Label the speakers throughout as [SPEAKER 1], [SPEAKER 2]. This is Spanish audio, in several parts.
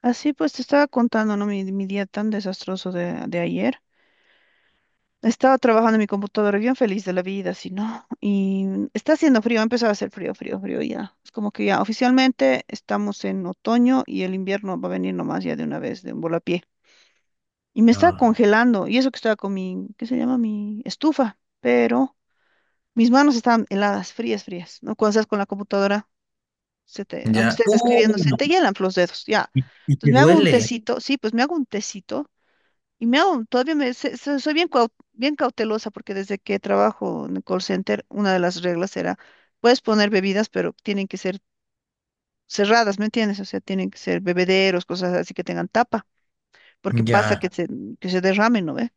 [SPEAKER 1] Así pues te estaba contando, ¿no? Mi día tan desastroso de ayer. Estaba trabajando en mi computadora bien feliz de la vida, así, ¿no? Y está haciendo frío, ha empezado a hacer frío, frío, frío ya. Es como que ya oficialmente estamos en otoño y el invierno va a venir nomás ya de una vez, de un volapié. Y me estaba
[SPEAKER 2] Ah,
[SPEAKER 1] congelando, y eso que estaba con mi, ¿qué se llama? Mi estufa, pero mis manos estaban heladas, frías, frías, ¿no? Cuando estás con la computadora, se te, aunque
[SPEAKER 2] ya.
[SPEAKER 1] estés escribiendo, se
[SPEAKER 2] No.
[SPEAKER 1] te hielan los dedos, ya.
[SPEAKER 2] Y
[SPEAKER 1] Entonces
[SPEAKER 2] te
[SPEAKER 1] me hago un
[SPEAKER 2] duele.
[SPEAKER 1] tecito, sí, pues me hago un tecito. Todavía me, soy bien, bien cautelosa porque desde que trabajo en el call center, una de las reglas era, puedes poner bebidas, pero tienen que ser cerradas, ¿me entiendes? O sea, tienen que ser bebederos, cosas así que tengan tapa, porque pasa, ya,
[SPEAKER 2] Ya,
[SPEAKER 1] que se derramen, ¿no ve?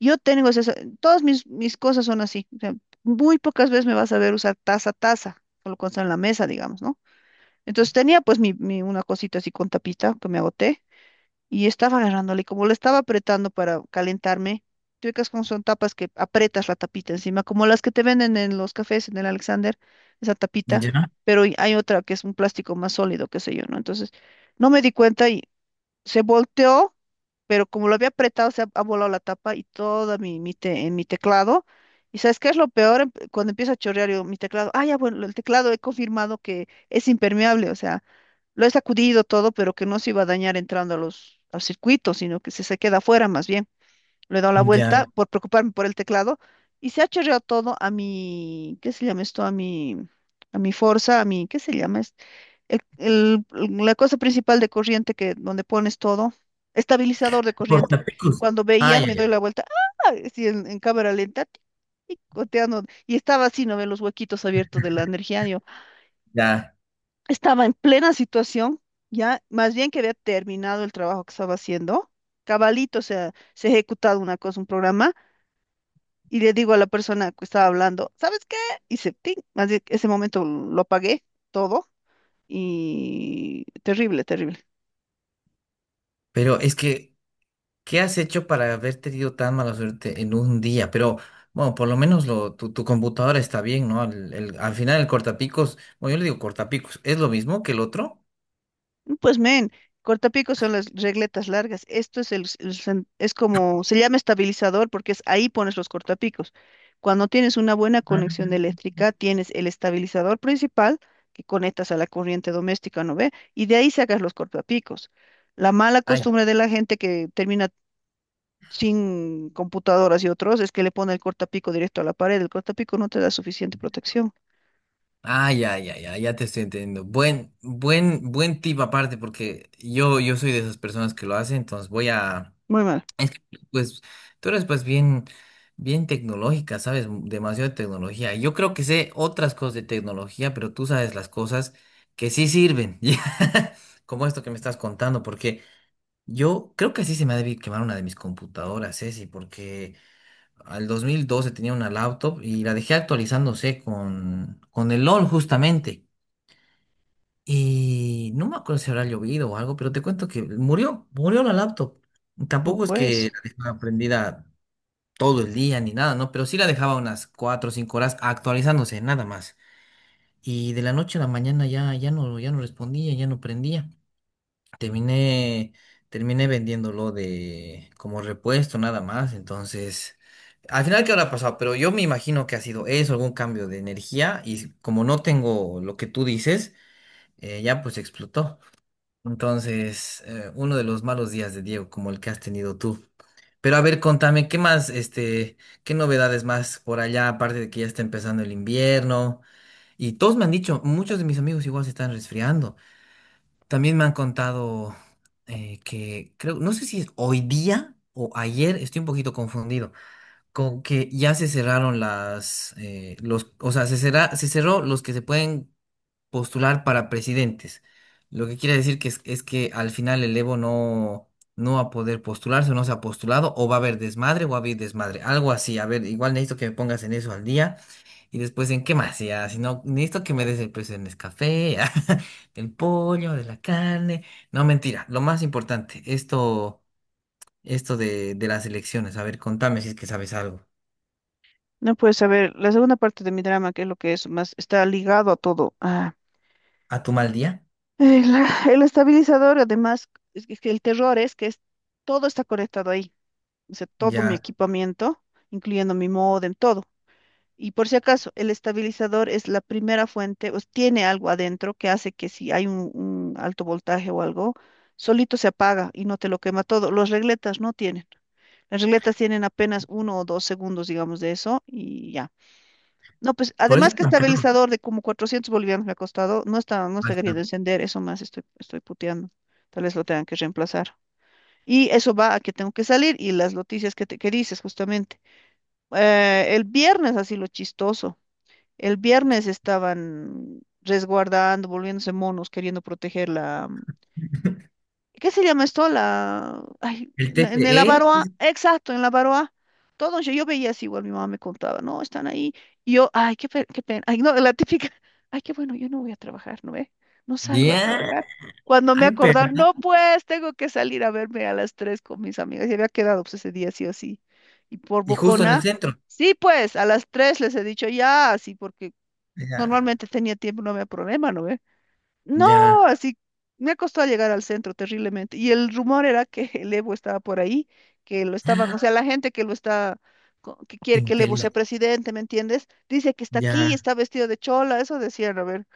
[SPEAKER 1] Yo tengo esas, todas mis cosas son así, o sea, muy pocas veces me vas a ver usar taza, taza, solo cuando está en la mesa, digamos, ¿no? Entonces tenía pues una cosita así con tapita que me agoté y estaba agarrándole, y como le estaba apretando para calentarme, tú ubicas como son tapas que apretas la tapita encima, como las que te venden en los cafés, en el Alexander, esa tapita,
[SPEAKER 2] ya,
[SPEAKER 1] pero y hay otra que es un plástico más sólido, qué sé yo, ¿no? Entonces, no me di cuenta y se volteó pero como lo había apretado, ha volado la tapa y toda mi, en mi teclado. ¿Y sabes qué es lo peor? Cuando empieza a chorrear yo, mi teclado, ah, ya, bueno, el teclado he confirmado que es impermeable, o sea, lo he sacudido todo, pero que no se iba a dañar entrando a los, al circuito, sino que se queda afuera más bien. Le he dado la
[SPEAKER 2] ya.
[SPEAKER 1] vuelta por preocuparme por el teclado y se ha chorreado todo a mi, ¿qué se llama esto? A mi Forza, a mi, ¿qué se llama? el- el- la cosa principal de corriente que donde pones todo, estabilizador de corriente.
[SPEAKER 2] Cortapicos.
[SPEAKER 1] Cuando
[SPEAKER 2] Ah,
[SPEAKER 1] veía,
[SPEAKER 2] ya,
[SPEAKER 1] me
[SPEAKER 2] ya,
[SPEAKER 1] doy la vuelta, ¡ah! Así en cámara lenta, tic, tic, goteando, y estaba así, no ve los huequitos abiertos de la energía. Yo
[SPEAKER 2] ya.
[SPEAKER 1] estaba en plena situación, ya más bien que había terminado el trabajo que estaba haciendo. Cabalito, o sea, se ha ejecutado una cosa, un programa, y le digo a la persona que estaba hablando, ¿sabes qué? Y se, ¡ting! Más bien, ese momento lo apagué todo, y terrible, terrible.
[SPEAKER 2] Pero es que, ¿qué has hecho para haber tenido tan mala suerte en un día? Pero, bueno, por lo menos lo, tu computadora está bien, ¿no? Al final el cortapicos, bueno, yo le digo cortapicos, ¿es lo mismo que el otro?
[SPEAKER 1] Pues men, cortapicos son las regletas largas. Esto es el, s- el sen- es como, se llama estabilizador porque es ahí pones los cortapicos. Cuando tienes una buena
[SPEAKER 2] Ah,
[SPEAKER 1] conexión eléctrica, tienes el estabilizador principal que conectas a la corriente doméstica, ¿no ve? Y de ahí sacas los cortapicos. La mala
[SPEAKER 2] ay,
[SPEAKER 1] costumbre de la gente que termina sin computadoras y otros es que le pone el cortapico directo a la pared. El cortapico no te da suficiente protección.
[SPEAKER 2] ah, ya, ya, ya, ya te estoy entendiendo. Buen tip aparte, porque yo soy de esas personas que lo hacen, entonces voy a.
[SPEAKER 1] Muy mal.
[SPEAKER 2] Es que, pues, tú eres pues bien, bien tecnológica, sabes demasiado de tecnología. Yo creo que sé otras cosas de tecnología, pero tú sabes las cosas que sí sirven, ya, como esto que me estás contando, porque yo creo que así se me ha debido quemar una de mis computadoras, Ceci, porque al 2012 tenía una laptop y la dejé actualizándose con el LOL justamente. Y no me acuerdo si habrá llovido o algo, pero te cuento que murió, murió la laptop.
[SPEAKER 1] No
[SPEAKER 2] Tampoco es que
[SPEAKER 1] pues.
[SPEAKER 2] la dejaba prendida todo el día ni nada, ¿no? Pero sí la dejaba unas cuatro o cinco horas actualizándose, nada más. Y de la noche a la mañana ya, ya no respondía, ya no prendía. Terminé, terminé vendiéndolo de como repuesto, nada más. Entonces, al final, ¿qué habrá pasado? Pero yo me imagino que ha sido eso, algún cambio de energía. Y como no tengo lo que tú dices, ya pues explotó. Entonces, uno de los malos días de Diego, como el que has tenido tú. Pero a ver, contame, ¿qué más, qué novedades más por allá, aparte de que ya está empezando el invierno? Y todos me han dicho, muchos de mis amigos igual se están resfriando. También me han contado que, creo, no sé si es hoy día o ayer, estoy un poquito confundido, con que ya se cerraron las, los, o sea, se cerró los que se pueden postular para presidentes. Lo que quiere decir que es que al final el Evo no, no va a poder postularse, o no se ha postulado, o va a haber desmadre, o va a haber desmadre. Algo así. A ver, igual necesito que me pongas en eso al día. Y después en qué más, ya, si no, necesito que me des el precio del Nescafé, del pollo, de la carne. No, mentira. Lo más importante, esto de las elecciones. A ver, contame si es que sabes algo.
[SPEAKER 1] No puedes saber, la segunda parte de mi drama, que es lo que es más, está ligado a todo. Ah,
[SPEAKER 2] ¿A tu mal día?
[SPEAKER 1] el, el estabilizador, además, es que el terror es que es, todo está conectado ahí. O sea, todo mi
[SPEAKER 2] Ya.
[SPEAKER 1] equipamiento, incluyendo mi módem, todo. Y por si acaso, el estabilizador es la primera fuente, tiene algo adentro que hace que si hay un alto voltaje o algo, solito se apaga y no te lo quema todo. Los regletas no tienen. Las regletas tienen apenas 1 o 2 segundos, digamos, de eso y ya. No, pues
[SPEAKER 2] Por eso
[SPEAKER 1] además
[SPEAKER 2] es
[SPEAKER 1] que
[SPEAKER 2] tan caro.
[SPEAKER 1] estabilizador de como 400 bolivianos me ha costado, no está queriendo encender, eso más estoy puteando. Tal vez lo tengan que reemplazar. Y eso va a que tengo que salir y las noticias que, te, que dices justamente. El viernes, así lo chistoso, el viernes estaban resguardando, volviéndose monos, queriendo proteger la, ¿qué se llama esto? La, ay,
[SPEAKER 2] El
[SPEAKER 1] en el
[SPEAKER 2] TCE.
[SPEAKER 1] Avaroa, exacto, en la Avaroa. Todo, yo veía así, igual mi mamá me contaba, no, están ahí. Y yo, ay, qué, qué pena. Ay, no, la típica, ay, qué bueno, yo no voy a trabajar, ¿no ve? No salgo a
[SPEAKER 2] Ya.
[SPEAKER 1] trabajar. Cuando me
[SPEAKER 2] Ay,
[SPEAKER 1] acordaba,
[SPEAKER 2] perdón.
[SPEAKER 1] no, pues, tengo que salir a verme a las 3 con mis amigas. Y había quedado, pues, ese día sí o sí. Y por
[SPEAKER 2] Y justo en el
[SPEAKER 1] bocona,
[SPEAKER 2] centro.
[SPEAKER 1] sí, pues, a las 3 les he dicho ya, así, porque
[SPEAKER 2] Ya,
[SPEAKER 1] normalmente tenía tiempo, no había problema, ¿no ve? No,
[SPEAKER 2] ya.
[SPEAKER 1] así me ha costado llegar al centro terriblemente. Y el rumor era que el Evo estaba por ahí, que lo estaban, o sea, la gente que lo está, que quiere que el Evo sea
[SPEAKER 2] Infeliz.
[SPEAKER 1] presidente, ¿me entiendes? Dice que está aquí y
[SPEAKER 2] Ya.
[SPEAKER 1] está vestido de chola, eso decían, a ver.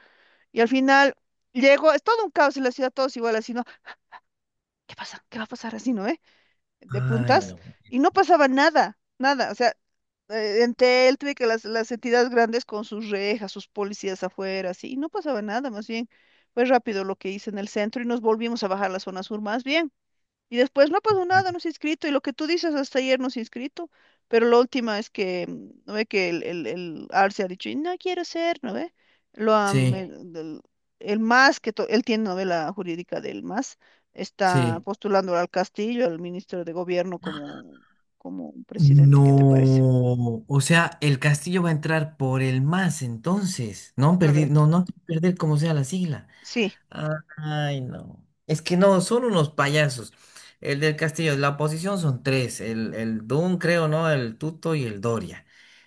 [SPEAKER 1] Y al final llegó, es todo un caos en la ciudad, todos igual así, ¿no? ¿Qué pasa? ¿Qué va a pasar así, no? ¿Eh? De
[SPEAKER 2] Ay,
[SPEAKER 1] puntas
[SPEAKER 2] no.
[SPEAKER 1] y no pasaba nada, nada. O sea, Entel, tuve que las entidades grandes con sus rejas, sus policías afuera, así, y no pasaba nada, más bien fue rápido lo que hice en el centro y nos volvimos a bajar a la zona sur, más bien. Y después no ha pasado nada, no se ha inscrito. Y lo que tú dices hasta ayer no se ha inscrito. Pero la última es que, ¿no ve? Que el Arce ha dicho, no quiero ser, ¿no ve? Lo han, sí,
[SPEAKER 2] Sí,
[SPEAKER 1] el MAS, que él tiene novela jurídica del MAS, está
[SPEAKER 2] sí.
[SPEAKER 1] postulando al Castillo, al ministro de Gobierno, como, como un presidente. ¿Qué te parece?
[SPEAKER 2] No. O sea, el castillo va a entrar por el más entonces. No perdí,
[SPEAKER 1] Correcto.
[SPEAKER 2] no, no perder como sea la sigla.
[SPEAKER 1] Sí.
[SPEAKER 2] Ay, no. Es que no, son unos payasos. El del Castillo, la oposición son tres, el Dun, creo, ¿no? El Tuto y el Doria.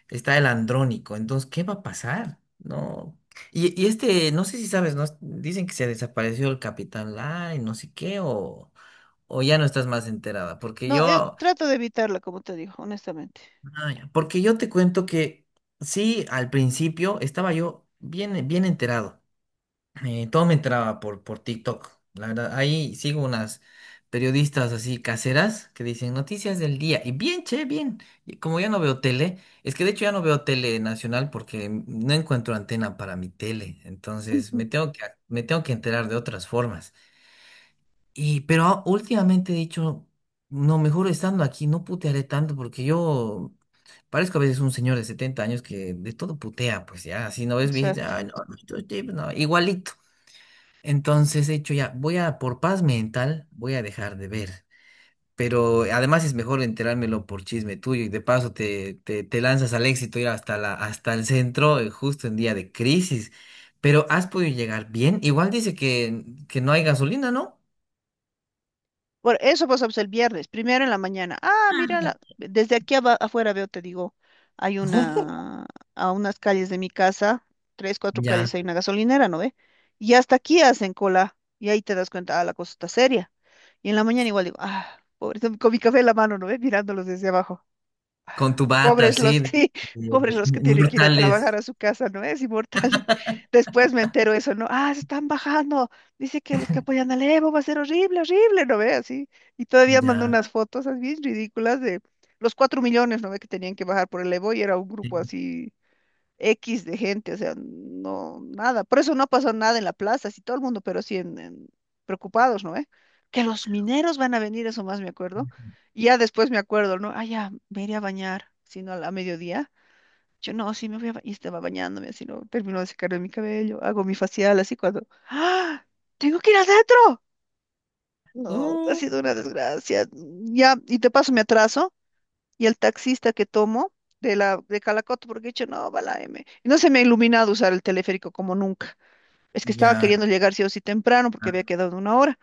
[SPEAKER 2] Está el Andrónico. Entonces, ¿qué va a pasar? No. Y este, no sé si sabes, ¿no? Dicen que se desapareció el Capitán Lai, no sé qué, o ya no estás más enterada. Porque
[SPEAKER 1] No, es,
[SPEAKER 2] yo,
[SPEAKER 1] trato de evitarla, como te digo, honestamente.
[SPEAKER 2] ay, porque yo te cuento que sí, al principio estaba yo bien, bien enterado. Todo me entraba por TikTok. La verdad, ahí sigo unas periodistas así caseras que dicen noticias del día. Y bien, che, bien. Y como ya no veo tele, es que de hecho ya no veo tele nacional porque no encuentro antena para mi tele. Entonces
[SPEAKER 1] Sí.
[SPEAKER 2] me tengo que enterar de otras formas. Y, pero últimamente he dicho, no, mejor estando aquí, no putearé tanto porque yo parezco a veces un señor de 70 años que de todo putea, pues ya, si no ves viejito,
[SPEAKER 1] Exacto.
[SPEAKER 2] ay, no, estos tipos, no, no, no". Igualito. Entonces he dicho ya, voy a, por paz mental, voy a dejar de ver. Pero además es mejor enterármelo por chisme tuyo y de paso te, te lanzas al éxito ir hasta la, hasta el centro justo en día de crisis. Pero has podido llegar bien. Igual dice que no hay gasolina, ¿no?
[SPEAKER 1] Por eso pasamos el viernes, primero en la mañana. Ah, mira,
[SPEAKER 2] Ah.
[SPEAKER 1] desde aquí afuera veo, te digo, hay una, a unas calles de mi casa, tres, cuatro
[SPEAKER 2] Ya,
[SPEAKER 1] calles hay una gasolinera, ¿no ve? Y hasta aquí hacen cola, y ahí te das cuenta, ah, la cosa está seria. Y en la mañana igual digo, ah, pobre, con mi café en la mano, ¿no ve? Mirándolos desde abajo.
[SPEAKER 2] con tu bata
[SPEAKER 1] Pobres los
[SPEAKER 2] así, de,
[SPEAKER 1] que, pobres los que
[SPEAKER 2] de-
[SPEAKER 1] tienen que ir a trabajar
[SPEAKER 2] mortales.
[SPEAKER 1] a su casa, ¿no? Es inmortal. Después me entero eso, ¿no? Ah, se están bajando. Dice que los que apoyan al Evo va a ser horrible, horrible, ¿no ve? Así. Y todavía mandó
[SPEAKER 2] Ya.
[SPEAKER 1] unas fotos así ridículas de los 4 millones, ¿no ve? Que tenían que bajar por el Evo y era un
[SPEAKER 2] Sí.
[SPEAKER 1] grupo así X de gente, o sea, no, nada. Por eso no pasó nada en la plaza, así todo el mundo, pero sí preocupados, ¿no? ¿Eh? Que los mineros van a venir, eso más me acuerdo. Y ya después me acuerdo, ¿no? Ah, ya, me iré a bañar, sino a, a mediodía. Yo, no, sí, me voy a bañar. Y estaba bañándome, así, ¿no? Termino de secarme mi cabello, hago mi facial, así cuando, ¡ah! ¡Tengo que ir adentro! No, ha
[SPEAKER 2] Oh,
[SPEAKER 1] sido una desgracia. Ya, y te paso mi atraso y el taxista que tomo de la de Calacoto, porque he dicho, no, va la M. Y no se me ha iluminado usar el teleférico como nunca. Es que estaba
[SPEAKER 2] ya.
[SPEAKER 1] queriendo llegar sí o sí temprano porque
[SPEAKER 2] Ah,
[SPEAKER 1] había quedado una hora.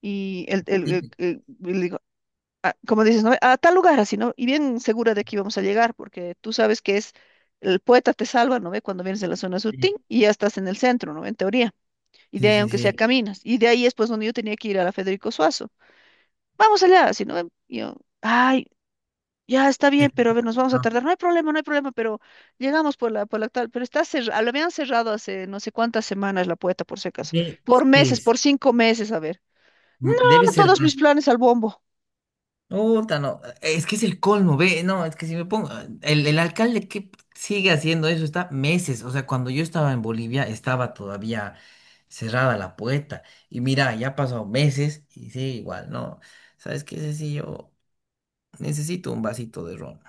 [SPEAKER 1] Y el, el- el-
[SPEAKER 2] sí,
[SPEAKER 1] el- y le digo, como dices, ¿no? A tal lugar así, ¿no? Y bien segura de que íbamos a llegar, porque tú sabes que es el poeta te salva, ¿no ve? Cuando vienes de la zona sur,
[SPEAKER 2] sí,
[SPEAKER 1] ¡ting! Y ya estás en el centro, ¿no? En teoría. Y de
[SPEAKER 2] sí,
[SPEAKER 1] ahí,
[SPEAKER 2] sí,
[SPEAKER 1] aunque sea, sí,
[SPEAKER 2] sí.
[SPEAKER 1] caminas. Y de ahí es pues donde yo tenía que ir a la Federico Suazo. Vamos allá, así, ¿no? Y yo, ay. Ya está bien,
[SPEAKER 2] El-
[SPEAKER 1] pero a ver, nos vamos a
[SPEAKER 2] ah,
[SPEAKER 1] tardar. No hay problema, no hay problema, pero llegamos por la tal. Pero está cerrado, lo habían cerrado hace no sé cuántas semanas la puerta, por si acaso.
[SPEAKER 2] sí,
[SPEAKER 1] Por
[SPEAKER 2] sí,
[SPEAKER 1] meses, por 5 meses, a ver. No,
[SPEAKER 2] m- debe ser
[SPEAKER 1] todos mis
[SPEAKER 2] más.
[SPEAKER 1] planes al bombo.
[SPEAKER 2] Puta, no. Es que es el colmo, ve. No, es que si me pongo el alcalde que sigue haciendo eso está meses. O sea, cuando yo estaba en Bolivia, estaba todavía cerrada la puerta. Y mira, ya ha pasado meses y sigue igual, ¿no? ¿Sabes qué, Ceci? Yo necesito un vasito de ron.